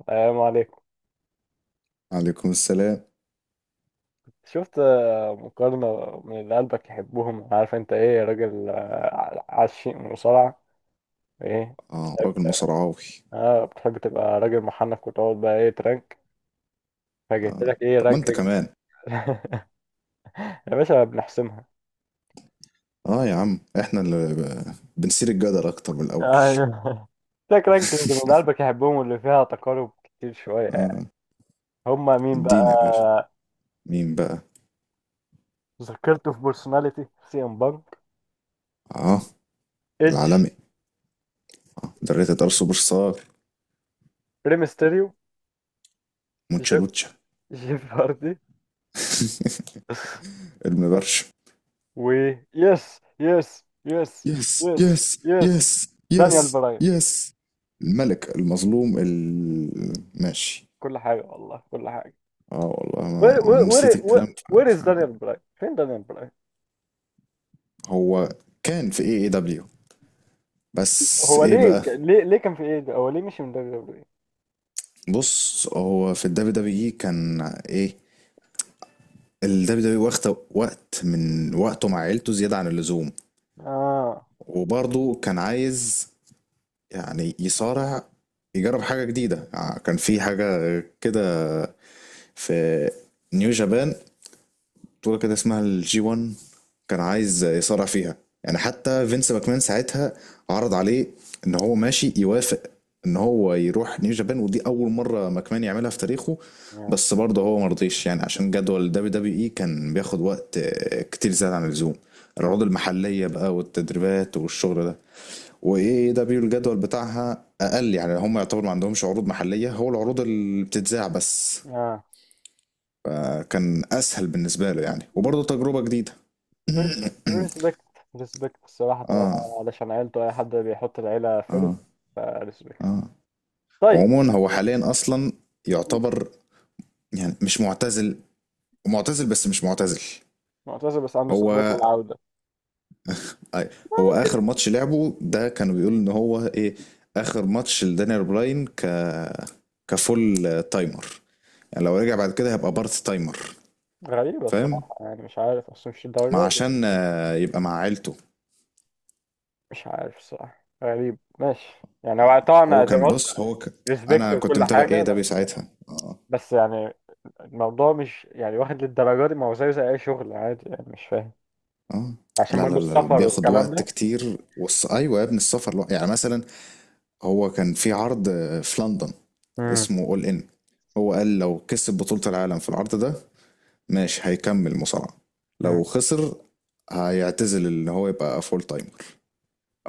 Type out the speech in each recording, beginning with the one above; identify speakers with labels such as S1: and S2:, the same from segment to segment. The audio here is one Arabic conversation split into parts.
S1: السلام عليكم.
S2: عليكم السلام.
S1: شفت مقارنة من اللي قلبك يحبهم، عارف انت ايه؟ راجل عشيق مصارعة. ايه؟
S2: اه راجل
S1: اه،
S2: مصارعاوي.
S1: بتحب تبقى راجل محنك وتقعد بقى ايه ترانك، فجبت
S2: اه
S1: لك ايه
S2: طب ما انت
S1: رانكينج.
S2: كمان.
S1: يا باشا بنحسمها.
S2: اه يا عم احنا اللي بنثير الجدل اكتر من الاول.
S1: ايوه، لك رانكينج من قلبك يحبهم واللي فيها تقارب كتير شوية يعني.
S2: اه
S1: هما مين بقى؟
S2: اديني يا باشا، مين بقى؟
S1: ذكرته في بيرسوناليتي، سي ام بانك،
S2: اه
S1: ايدج،
S2: العالمي، ده ريتد ار سوبر ستار،
S1: ريمستيريو،
S2: مونشا لوتشا.
S1: جيف هاردي،
S2: المبرشم.
S1: و يس يس يس،
S2: يس
S1: يس
S2: يس
S1: يس،
S2: يس،
S1: دانيال
S2: يس
S1: براين.
S2: يس. الملك المظلوم ماشي.
S1: كل حاجة والله، كل حاجة.
S2: اه والله
S1: وير وير
S2: ما نسيت
S1: وير
S2: الكلام
S1: وير از
S2: فعلا كده.
S1: دانيال براين؟ فين دانيال براين؟
S2: هو كان في اي اي دبليو. بس
S1: هو
S2: ايه
S1: ليه
S2: بقى؟
S1: ليه كان في ايه ده؟ هو ليه مشي من دانيال براين؟
S2: بص، هو في الدبليو دبليو اي كان ايه، الدبليو دبليو واخد وقت من وقته مع عيلته زياده عن اللزوم،
S1: اه
S2: وبرضه كان عايز، يعني يصارع، يجرب حاجه جديده، كان في حاجه كده في نيو جابان، بطولة كده اسمها الجي 1، كان عايز يصارع فيها. يعني حتى فينس ماكمان ساعتها عرض عليه ان هو ماشي يوافق ان هو يروح نيو جابان، ودي اول مرة ماكمان يعملها في تاريخه.
S1: اه
S2: بس برضه هو مرضيش، يعني عشان جدول دبليو دبليو اي كان بياخد وقت كتير زيادة عن اللزوم،
S1: اه.
S2: العروض المحلية بقى والتدريبات والشغل ده. وايه دبليو الجدول بتاعها اقل، يعني هم يعتبر ما عندهمش عروض محلية، هو العروض اللي بتتذاع بس،
S1: آه.
S2: فكان اسهل بالنسبه له يعني، وبرضه تجربه جديده.
S1: ريسبكت، ريسبكت الصراحة طبعا،
S2: اه
S1: علشان عيلته. أي حد بيحط العيلة
S2: اه
S1: فيرست، فريسبكت.
S2: اه
S1: طيب.
S2: عموما هو حاليا اصلا يعتبر، يعني مش معتزل، معتزل بس مش معتزل.
S1: معتذر بس عنده استعداد
S2: هو
S1: للعودة.
S2: أي، هو اخر ماتش لعبه ده كانوا بيقولوا ان هو ايه، اخر ماتش لدانيال براين كفول تايمر، يعني لو رجع بعد كده هيبقى بارت تايمر.
S1: غريبة
S2: فاهم،
S1: الصراحة، يعني مش عارف أصلا مش
S2: ما
S1: الدرجة.
S2: عشان يبقى مع عيلته.
S1: مش عارف، صح غريب ماشي. يعني هو طبعا
S2: هو
S1: زي هو ما
S2: كان
S1: قلت،
S2: بص هو
S1: ريسبكت
S2: انا كنت
S1: وكل
S2: متابع
S1: حاجة
S2: ايه ده
S1: بس.
S2: ساعتها
S1: بس يعني الموضوع مش يعني واخد للدرجة دي، ما هو زيه زي أي شغل عادي يعني، مش فاهم،
S2: اه.
S1: عشان
S2: لا
S1: برضه
S2: لا لا
S1: السفر
S2: بياخد
S1: والكلام
S2: وقت
S1: ده.
S2: كتير ايوه يا ابني، السفر يعني مثلا هو كان في عرض في لندن
S1: امم
S2: اسمه اول ان، هو قال لو كسب بطولة العالم في العرض ده ماشي هيكمل مصارعة، لو
S1: امم
S2: خسر هيعتزل ان هو يبقى فول تايمر،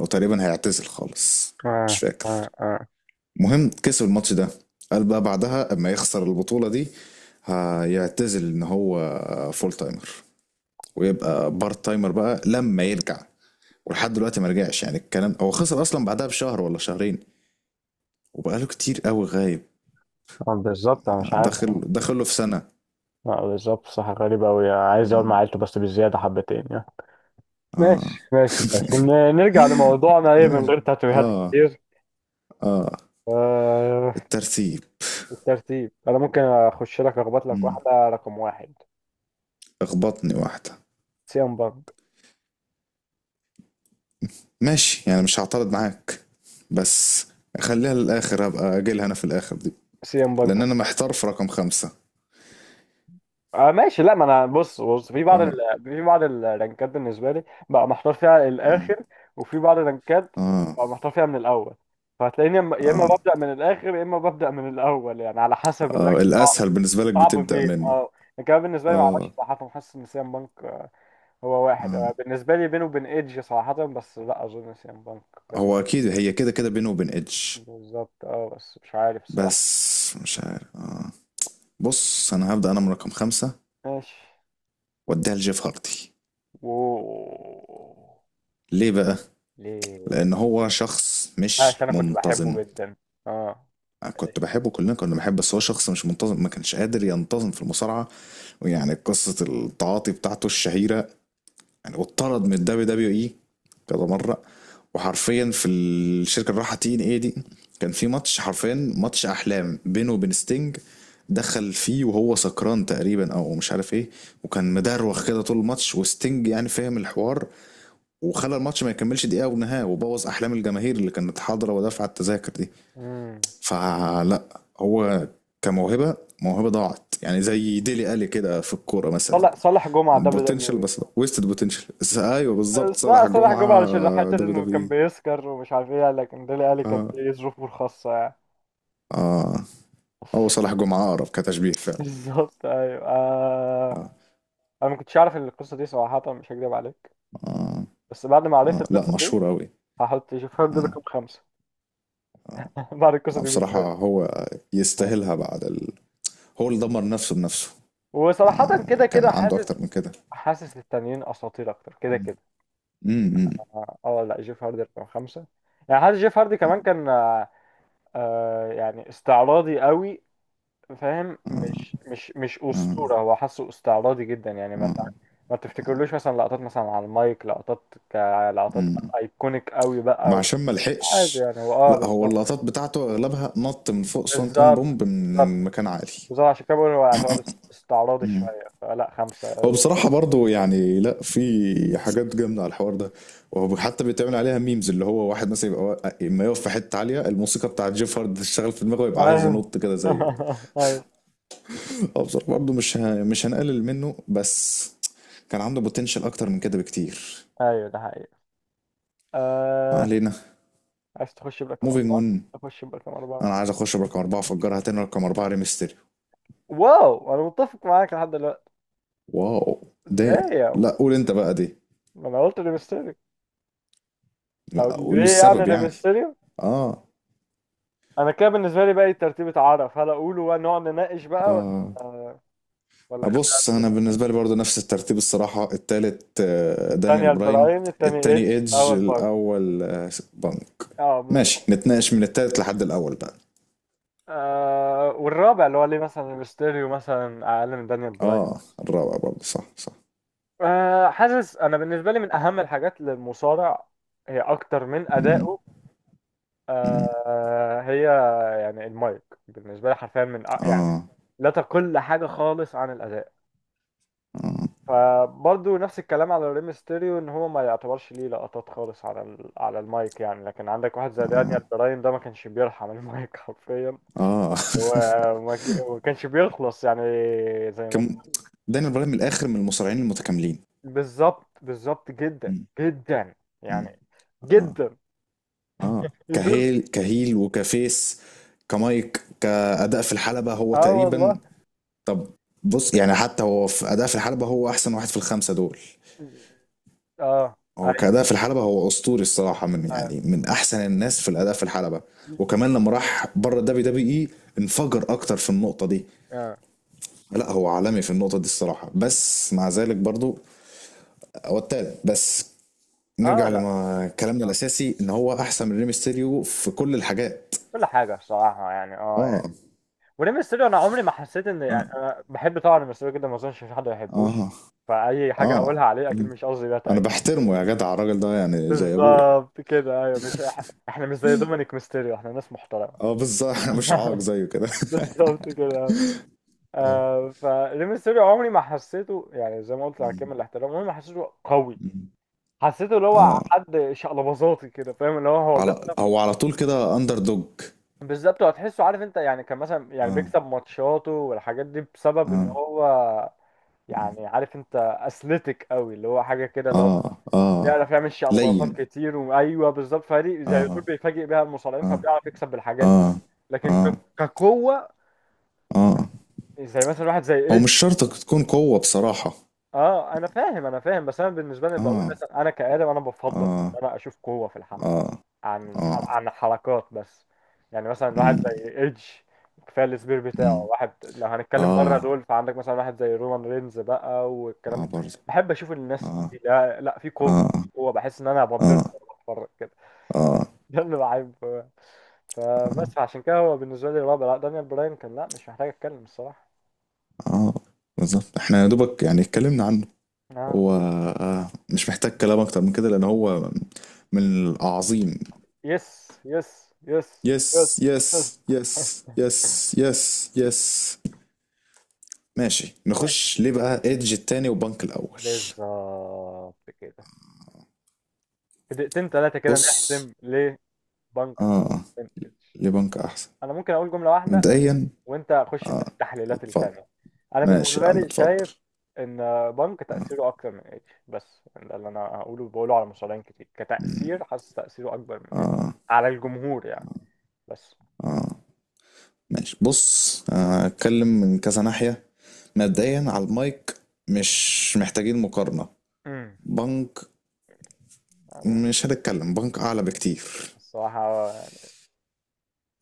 S2: او تقريبا هيعتزل خالص، مش
S1: آه آه
S2: فاكر.
S1: آه
S2: مهم، كسب الماتش ده، قال بقى بعدها اما يخسر البطولة دي هيعتزل ان هو فول تايمر، ويبقى بارت تايمر بقى لما يرجع. ولحد دلوقتي ما رجعش، يعني الكلام هو خسر اصلا بعدها بشهر ولا شهرين، وبقاله كتير قوي غايب.
S1: بالظبط أنا مش عارف.
S2: داخل له في سنه.
S1: آه بالظبط، صح غريب أوي، عايز أقعد
S2: مم.
S1: مع عيلته بس بالزيادة حبتين يعني.
S2: اه.
S1: ماشي ماشي، بس نرجع لموضوعنا، إيه من
S2: ماشي.
S1: غير تاتويهات
S2: اه
S1: كتير.
S2: اه
S1: آه،
S2: الترتيب.
S1: الترتيب. أنا ممكن أخش لك أخبط لك
S2: مم.
S1: واحدة رقم واحد.
S2: اخبطني واحده.
S1: سيام بانك.
S2: ماشي، يعني مش هعترض معاك، بس خليها للاخر، هبقى اجيلها انا في الاخر دي،
S1: سيام
S2: لان
S1: بانك.
S2: انا محتار في رقم خمسة.
S1: آه ماشي. لا ما انا بص بص في بعض
S2: اه.
S1: في بعض الرانكات بالنسبه لي بقى محتار فيها
S2: مم.
S1: الاخر، وفي بعض الرانكات
S2: اه
S1: بقى محتار فيها من الاول. فهتلاقيني يا اما يا إما
S2: اه
S1: ببدا من الاخر، يا اما ببدا من الاول يعني، على حسب الرانك.
S2: اه
S1: صعب.
S2: الاسهل بالنسبه لك
S1: صعب
S2: بتبدا
S1: فين
S2: منه.
S1: اه. لكن أنا بالنسبه لي معرفش
S2: اه
S1: صراحه، حاسس ان سيام بانك هو واحد
S2: اه
S1: بالنسبه لي بينه وبين ايدج صراحه، بس لا اظن سيام بانك بال-
S2: هو اكيد هي كده كده بينه وبين ادج،
S1: بالظبط اه، بس مش عارف الصراحه.
S2: بس مش عارف. آه. بص، انا هبدأ انا من رقم خمسة،
S1: ماشي.
S2: واديها لجيف هارتي.
S1: و
S2: ليه بقى؟
S1: ليه؟
S2: لان هو شخص مش
S1: عشان انا كنت
S2: منتظم.
S1: بحبه جدا. اه،
S2: كنت بحبه، كلنا كنا بنحبه، بس هو شخص مش منتظم، ما كانش قادر ينتظم في المصارعة. ويعني قصة التعاطي بتاعته الشهيرة، يعني واتطرد من الدبليو دبليو اي كذا مره. وحرفيا في الشركه اللي راحه تي ان اي دي، كان في ماتش، حرفيا ماتش احلام بينه وبين ستينج، دخل فيه وهو سكران تقريبا او مش عارف ايه، وكان مدروخ كده طول الماتش، وستينج يعني فاهم الحوار، وخلى الماتش ما يكملش دقيقه ونهايه، وبوظ احلام الجماهير اللي كانت حاضره ودافعه التذاكر دي.
S1: امم.
S2: فلا، هو كموهبه، موهبه ضاعت، يعني زي ديلي الي كده في الكوره مثلا.
S1: صالح جمعة دبليو
S2: بوتنشال،
S1: دبليو
S2: بس ويستد بوتنشال. ايوه،
S1: اي.
S2: بالظبط
S1: صالح
S2: صلاح
S1: صالح
S2: جمعه.
S1: جمعة، علشان حتة
S2: دبليو
S1: انه
S2: دبليو
S1: كان
S2: اي.
S1: بيسكر ومش عارف ايه، لكن ديلي الي كانت
S2: اه
S1: ليه ظروفه الخاصة يعني.
S2: اه هو صلاح جمعه اقرب كتشبيه فعلا.
S1: بالظبط ايوه، آه.
S2: آه.
S1: انا ما كنتش اعرف القصة دي صراحة، مش هكدب عليك.
S2: آه.
S1: بس بعد ما عرفت
S2: آه. لا،
S1: القصة دي
S2: مشهور قوي.
S1: هحط شوف هارد
S2: آه.
S1: رقم خمسة.
S2: آه.
S1: بعد القصة
S2: ما
S1: دي
S2: بصراحه
S1: بالذات.
S2: هو
S1: آه.
S2: يستاهلها بعد هو اللي دمر نفسه بنفسه.
S1: وصراحة
S2: آه.
S1: كده
S2: كان
S1: كده
S2: عنده اكتر
S1: حاسس،
S2: من كده.
S1: حاسس التانيين اساطير اكتر كده كده.
S2: امم.
S1: اه، لا، جيف هاردي رقم خمسة. يعني حاسس جيف هاردي كمان كان آه يعني استعراضي قوي، فاهم؟ مش
S2: آه.
S1: اسطوره هو، حاسه استعراضي جدا يعني،
S2: آه.
S1: ما تفتكرلوش مثلا لقطات مثلا على المايك، لقطات كلقطات
S2: مم.
S1: ايكونيك قوي
S2: ما
S1: بقى، ومش
S2: عشان ما
S1: عادي
S2: لحقش.
S1: يعني، هو اه
S2: لا، هو
S1: بالظبط.
S2: اللقطات بتاعته اغلبها نط من فوق سونتان
S1: بالظبط
S2: بومب
S1: بالظبط
S2: من مكان عالي.
S1: بالظبط عشان كده بقول هو يعتبر استعراضي
S2: مم.
S1: شويه، فلا خمسه
S2: هو
S1: ايوه.
S2: بصراحة برضو يعني، لا في حاجات جامدة على الحوار ده، وهو حتى بيتعمل عليها ميمز، اللي هو واحد مثلا يبقى اما يقف في حتة عالية الموسيقى بتاعت جيف هارد تشتغل في دماغه، يبقى عايز ينط كده زيه.
S1: ايوه،
S2: هو بصراحة برضو مش هنقلل منه، بس كان عنده بوتنشال أكتر من كده بكتير.
S1: ايوه ده حقيقي.
S2: ما
S1: آه.
S2: علينا،
S1: عايز تخش برقم
S2: موفينج
S1: أربعة؟
S2: أون.
S1: أخش برقم أربعة.
S2: أنا عايز أخش برقم أربعة، أفجرها تاني، رقم أربعة ريمستيريو.
S1: واو، أنا متفق معاك لحد دلوقتي.
S2: واو. دام.
S1: دايم.
S2: لا قول أنت بقى دي.
S1: ما أنا قلت لميستيريو. أو
S2: لا قول
S1: ليه يعني
S2: السبب
S1: ده
S2: يعني.
S1: ميستيريو؟
S2: آه.
S1: انا كده بالنسبه لي بقى ترتيبة، عرف هل اقوله بقى نقعد نناقش بقى ولا
S2: آه.
S1: آه، ولا
S2: بص،
S1: خليها.
S2: انا بالنسبه لي برضو نفس الترتيب الصراحه، التالت دانيال
S1: دانيال
S2: براين،
S1: براين التاني،
S2: التاني
S1: ايدج
S2: ايدج،
S1: اول بارك.
S2: الاول بانك.
S1: اه
S2: ماشي،
S1: بالظبط.
S2: نتناقش من التالت لحد الاول بقى.
S1: آه، والرابع اللي هو ليه مثلا ميستيريو مثلا اقل من دانيال براين؟
S2: اه، الرابع برضو، صح.
S1: آه، حاسس انا بالنسبه لي من اهم الحاجات للمصارع هي اكتر من
S2: مم،
S1: ادائه.
S2: مم.
S1: آه هي يعني المايك. بالنسبه لي حرفيا من يعني
S2: اه
S1: لا تقل حاجه خالص عن الاداء.
S2: اه
S1: فبرضه نفس الكلام على ريم ستيريو، ان هو ما يعتبرش ليه لقطات خالص على على المايك يعني، لكن عندك واحد زي
S2: اه
S1: دانيال براين ده ما كانش بيرحم المايك حرفيا،
S2: اه
S1: وما كانش بيخلص يعني. زي ما
S2: كم، دانيال براين من الاخر من المصارعين المتكاملين.
S1: بالظبط، بالظبط جدا
S2: مم،
S1: جدا يعني.
S2: مم. اه
S1: جدا
S2: اه.
S1: يدل.
S2: كهيل، كهيل، وكفيس. كمايك، كأداء في الحلبة، هو
S1: اه
S2: تقريبا
S1: والله.
S2: طب بص يعني، حتى هو في أداء في الحلبة هو أحسن واحد في الخمسة دول.
S1: اه
S2: هو
S1: ايوه
S2: كأداء في الحلبة هو أسطوري الصراحة، من
S1: اه،
S2: يعني من أحسن الناس في الأداء في الحلبة. وكمان لما راح بره الدبي دبي إي انفجر أكتر في النقطة دي.
S1: آه.
S2: لا هو عالمي في النقطة دي الصراحة، بس مع ذلك برضو هو التالت بس،
S1: آه.
S2: نرجع
S1: لا.
S2: لما كلامنا
S1: آه.
S2: الأساسي إن هو أحسن من ريمستيريو في كل الحاجات.
S1: كل حاجة الصراحة، يعني اه،
S2: آه.
S1: وريم ميستيريو انا عمري ما حسيت ان
S2: آه.
S1: يعني، انا بحب طبعا ريم ميستيريو جدا، ما اظنش في حد ما يحبوش.
S2: آه.
S1: فاي حاجه هقولها
S2: آه.
S1: عليه اكيد
S2: كل-
S1: مش قصدي ده
S2: أنا
S1: تقريبا.
S2: بحترمه يا جدع، الراجل ده يعني زي أبويا.
S1: بالظبط كده ايوه، مش احنا مش زي دومينيك ميستيريو، احنا ناس محترمه.
S2: اه بالظبط، انا مش عاق زيه كده.
S1: بالظبط كده.
S2: اه.
S1: آه، فريم ميستيريو عمري ما حسيته، يعني زي ما قلت على
S2: مم.
S1: كامل الاحترام، عمري ما حسيته قوي.
S2: مم.
S1: حسيته اللي هو
S2: اه.
S1: حد شقلباظاتي كده فاهم، اللي هو هو
S2: على،
S1: بيكسب.
S2: هو على طول كده اندر دوج.
S1: بالظبط، هتحسه عارف انت، يعني كان مثلا يعني
S2: اه
S1: بيكسب ماتشاته والحاجات دي بسبب ان
S2: اه
S1: هو يعني عارف انت اثليتيك قوي، اللي هو حاجه كده اللي هو
S2: اه اه
S1: بيعرف يعمل شيء على باصات
S2: لين.
S1: كتير، وايوه بالظبط، فريق زي يوتيوب
S2: اه
S1: بيفاجئ بيها المصارعين،
S2: اه
S1: فبيعرف يكسب بالحاجات دي.
S2: اه
S1: لكن
S2: اه
S1: كقوه،
S2: اه
S1: زي مثلا واحد زي
S2: هو
S1: ايدج.
S2: مش شرط تكون قوة بصراحة.
S1: اه انا فاهم، بس انا بالنسبه لي بقول
S2: اه
S1: مثلا انا كادم، انا بفضل ان
S2: اه
S1: انا اشوف قوه في الحلبه
S2: اه
S1: عن
S2: اه
S1: عن الحركات بس. يعني مثلا واحد
S2: مم.
S1: زي ايدج كفايه السبير بتاعه،
S2: مم.
S1: واحد لو هنتكلم بره
S2: اه
S1: دول فعندك مثلا واحد زي رومان رينز بقى والكلام ده.
S2: اه برضه.
S1: بحب اشوف الناس
S2: اه
S1: دي، لا لا، في قوه،
S2: اه
S1: في قوه، بحس ان انا بتضرب
S2: اه
S1: وأنا بتفرج كده.
S2: اه
S1: ده اللي بحبه يعني.
S2: اه
S1: فبس عشان كده هو بالنسبه لي رابع. لا، دانيال براين كان، لا مش محتاج اتكلم الصراحه.
S2: اه بالظبط. احنا يا دوبك يعني اتكلمنا عن
S1: اه،
S2: هو مش محتاج كلام اكتر من كده، لان هو من الاعظيم.
S1: يس يس يس، يس
S2: يس
S1: يس.
S2: يس يس، يس يس يس. ماشي،
S1: ماشي
S2: نخش ليه بقى، ايدج التاني وبنك الاول.
S1: بالظبط كده. في دقيقتين ثلاثه كده
S2: بص.
S1: نحسم ليه. بنك
S2: اه.
S1: ام اتش.
S2: ليه بنك احسن؟
S1: انا ممكن اقول جمله واحده،
S2: مبدئيا.
S1: وانت خش انت
S2: اه،
S1: في التحليلات
S2: اتفضل.
S1: التانية. انا
S2: ماشي يا
S1: بالنسبه
S2: عم،
S1: لي
S2: اتفضل.
S1: شايف ان بنك تاثيره اكتر من اتش، بس ده اللي انا هقوله، بقوله على مصارعين كتير، كتاثير حاسس تاثيره اكبر من اتش على الجمهور يعني. بس.
S2: ماشي بص، اتكلم من كذا ناحية. مبدئيا على المايك، مش محتاجين مقارنة،
S1: امم،
S2: بنك.
S1: انا
S2: مش هنتكلم، بنك اعلى بكتير،
S1: الصراحه يعني.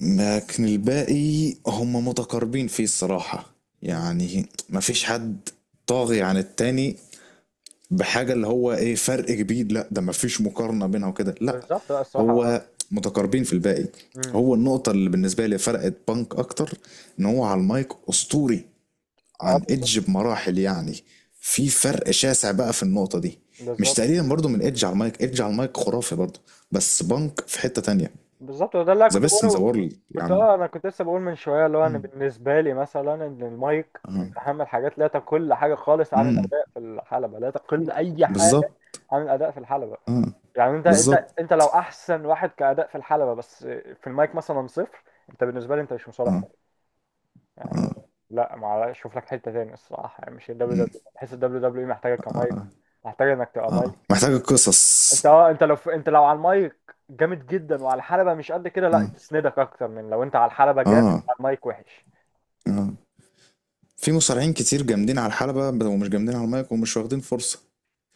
S2: لكن الباقي هم متقاربين فيه الصراحة،
S1: مم.
S2: يعني مفيش حد طاغي عن التاني بحاجة اللي هو ايه، فرق كبير، لا، ده مفيش مقارنة بينها وكده، لا.
S1: بالظبط، لا، الصراحه اه.
S2: هو متقاربين في الباقي.
S1: امم
S2: هو النقطة اللي بالنسبة لي فرقت بانك أكتر، إن هو على المايك أسطوري
S1: اه
S2: عن
S1: بالظبط.
S2: إدج بمراحل، يعني في فرق شاسع بقى في النقطة دي. مش
S1: بالظبط
S2: تقريبا برضو من إدج، على المايك إدج على المايك خرافي برضو، بس بانك في حتة تانية.
S1: بالظبط ده اللي أنا
S2: ذا
S1: كنت
S2: بيست إن ذا
S1: بقوله.
S2: وورلد يا
S1: كنت
S2: عم.
S1: اه، انا كنت لسه بقول من شويه اللي هو انا بالنسبه لي مثلا، ان المايك من
S2: مم.
S1: اهم الحاجات، لا تقل حاجه خالص عن
S2: امم.
S1: الاداء في الحلبه، لا تقل اي حاجه
S2: بالظبط.
S1: عن الاداء في الحلبه.
S2: اه
S1: يعني انت
S2: بالظبط.
S1: انت لو احسن واحد كاداء في الحلبه، بس في المايك مثلا صفر، انت بالنسبه لي انت مش مصالح
S2: اه
S1: حلو. يعني
S2: اه.
S1: لا، ما شوف لك حته تاني الصراحه، يعني مش الدبليو
S2: مم.
S1: دبليو، بحس الدبليو دبليو محتاجه كمايك،
S2: اه
S1: محتاجه انك تبقى مايك.
S2: اه. محتاجة قصص.
S1: انت اه، انت لو انت لو على المايك جامد جدا وعلى الحلبة مش قد كده، لا
S2: اه
S1: تسندك اكتر من لو انت على الحلبة جامد
S2: اه.
S1: على المايك وحش.
S2: اه. في مصارعين كتير جامدين على الحلبة ومش جامدين على المايك ومش واخدين فرصة.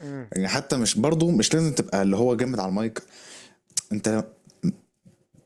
S1: امم.
S2: يعني حتى، مش برضو، مش لازم تبقى اللي هو جامد على المايك، انت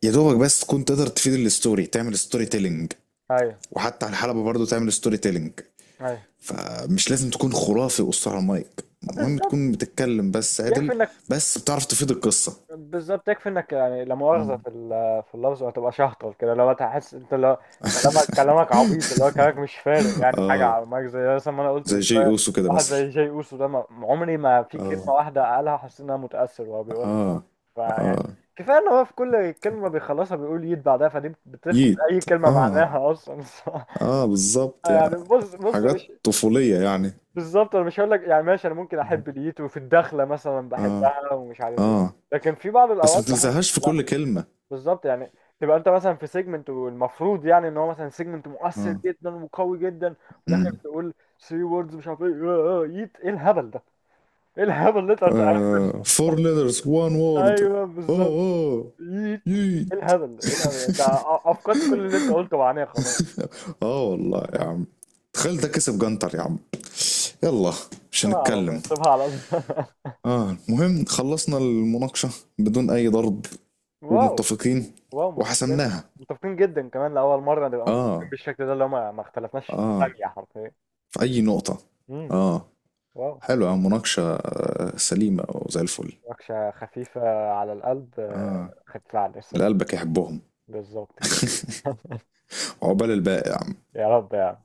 S2: يا دوبك بس تكون تقدر تفيد الستوري، تعمل ستوري تيلينج،
S1: ايوه.
S2: وحتى على الحلبة برضو تعمل ستوري تيلينج،
S1: ايوه
S2: فمش لازم تكون خرافي واسطة على المايك،
S1: آه،
S2: المهم
S1: بالظبط
S2: تكون بتتكلم بس
S1: يكفي
S2: عدل،
S1: انك.
S2: بس بتعرف تفيد القصة.
S1: بالظبط يكفي انك يعني، لا مؤاخذة
S2: مم.
S1: في في اللفظ، وهتبقى شهطل كده لو تحس انت، لو كلامك عبيط، اللي هو كلامك مش فارق يعني في حاجة
S2: اه،
S1: على المايك، زي مثلا ما انا قلت
S2: زي
S1: من
S2: جي
S1: شوية.
S2: اوسو كده
S1: واحد
S2: مثلا.
S1: زي جاي اوسو ده ما... عمري ما في كلمة
S2: اه
S1: واحدة قالها حسيت ان انا متأثر وهو بيقولها.
S2: اه
S1: فيعني
S2: اه.
S1: كفايه ان هو في كل كلمه بيخلصها بيقول يد بعدها، فدي بتفقد
S2: ييت.
S1: اي كلمه
S2: اه،
S1: معناها اصلا الصراحة.
S2: اه بالظبط
S1: يعني
S2: يعني،
S1: بص بص مش.
S2: حاجات طفولية يعني.
S1: بالظبط، انا مش هقول لك يعني ماشي، انا ممكن احب اليد وفي الدخله مثلا
S2: اه.
S1: بحبها ومش عارف ايه،
S2: اه.
S1: لكن في بعض
S2: بس ما
S1: الاوقات بحس
S2: تلزقهاش في
S1: لا.
S2: كل كلمة.
S1: بالظبط يعني، تبقى انت مثلا في سيجمنت، والمفروض يعني ان هو مثلا سيجمنت مؤثر
S2: اه.
S1: جدا وقوي جدا، وفي الاخر
S2: مم.
S1: تقول ثري ووردز مش عارف ايه يد. ايه الهبل ده؟ ايه الهبل اللي انت بتعمله؟
S2: آه four letters one word.
S1: ايوه
S2: اوه
S1: بالظبط.
S2: اوه.
S1: ايه
S2: ييت.
S1: الهبل، ايه الهبل انت افقدت كل اللي انت قلته معناه، خلاص.
S2: اه والله يا عم، تخيل ده كسب جنتر يا عم. يلا، مش
S1: سيبها على الله،
S2: هنتكلم.
S1: سيبها على الله.
S2: اه، المهم خلصنا المناقشة بدون أي ضرب،
S1: واو.
S2: ومتفقين،
S1: واو، متفقين،
S2: وحسمناها.
S1: متفقين جدا كمان، لأول مرة نبقى متفقين
S2: اه.
S1: بالشكل ده، اللي هما ما اختلفناش
S2: اه.
S1: ثانية حرفيا.
S2: في أي نقطة.
S1: امم.
S2: اه.
S1: واو.
S2: حلوة مناقشة، سليمة وزي الفل.
S1: نقشة خفيفة على القلب
S2: اه.
S1: خفيفة على
S2: اللي
S1: اللسان.
S2: قلبك يحبهم.
S1: بالظبط كده.
S2: عقبال الباقي يا عم.
S1: يا رب يا عم.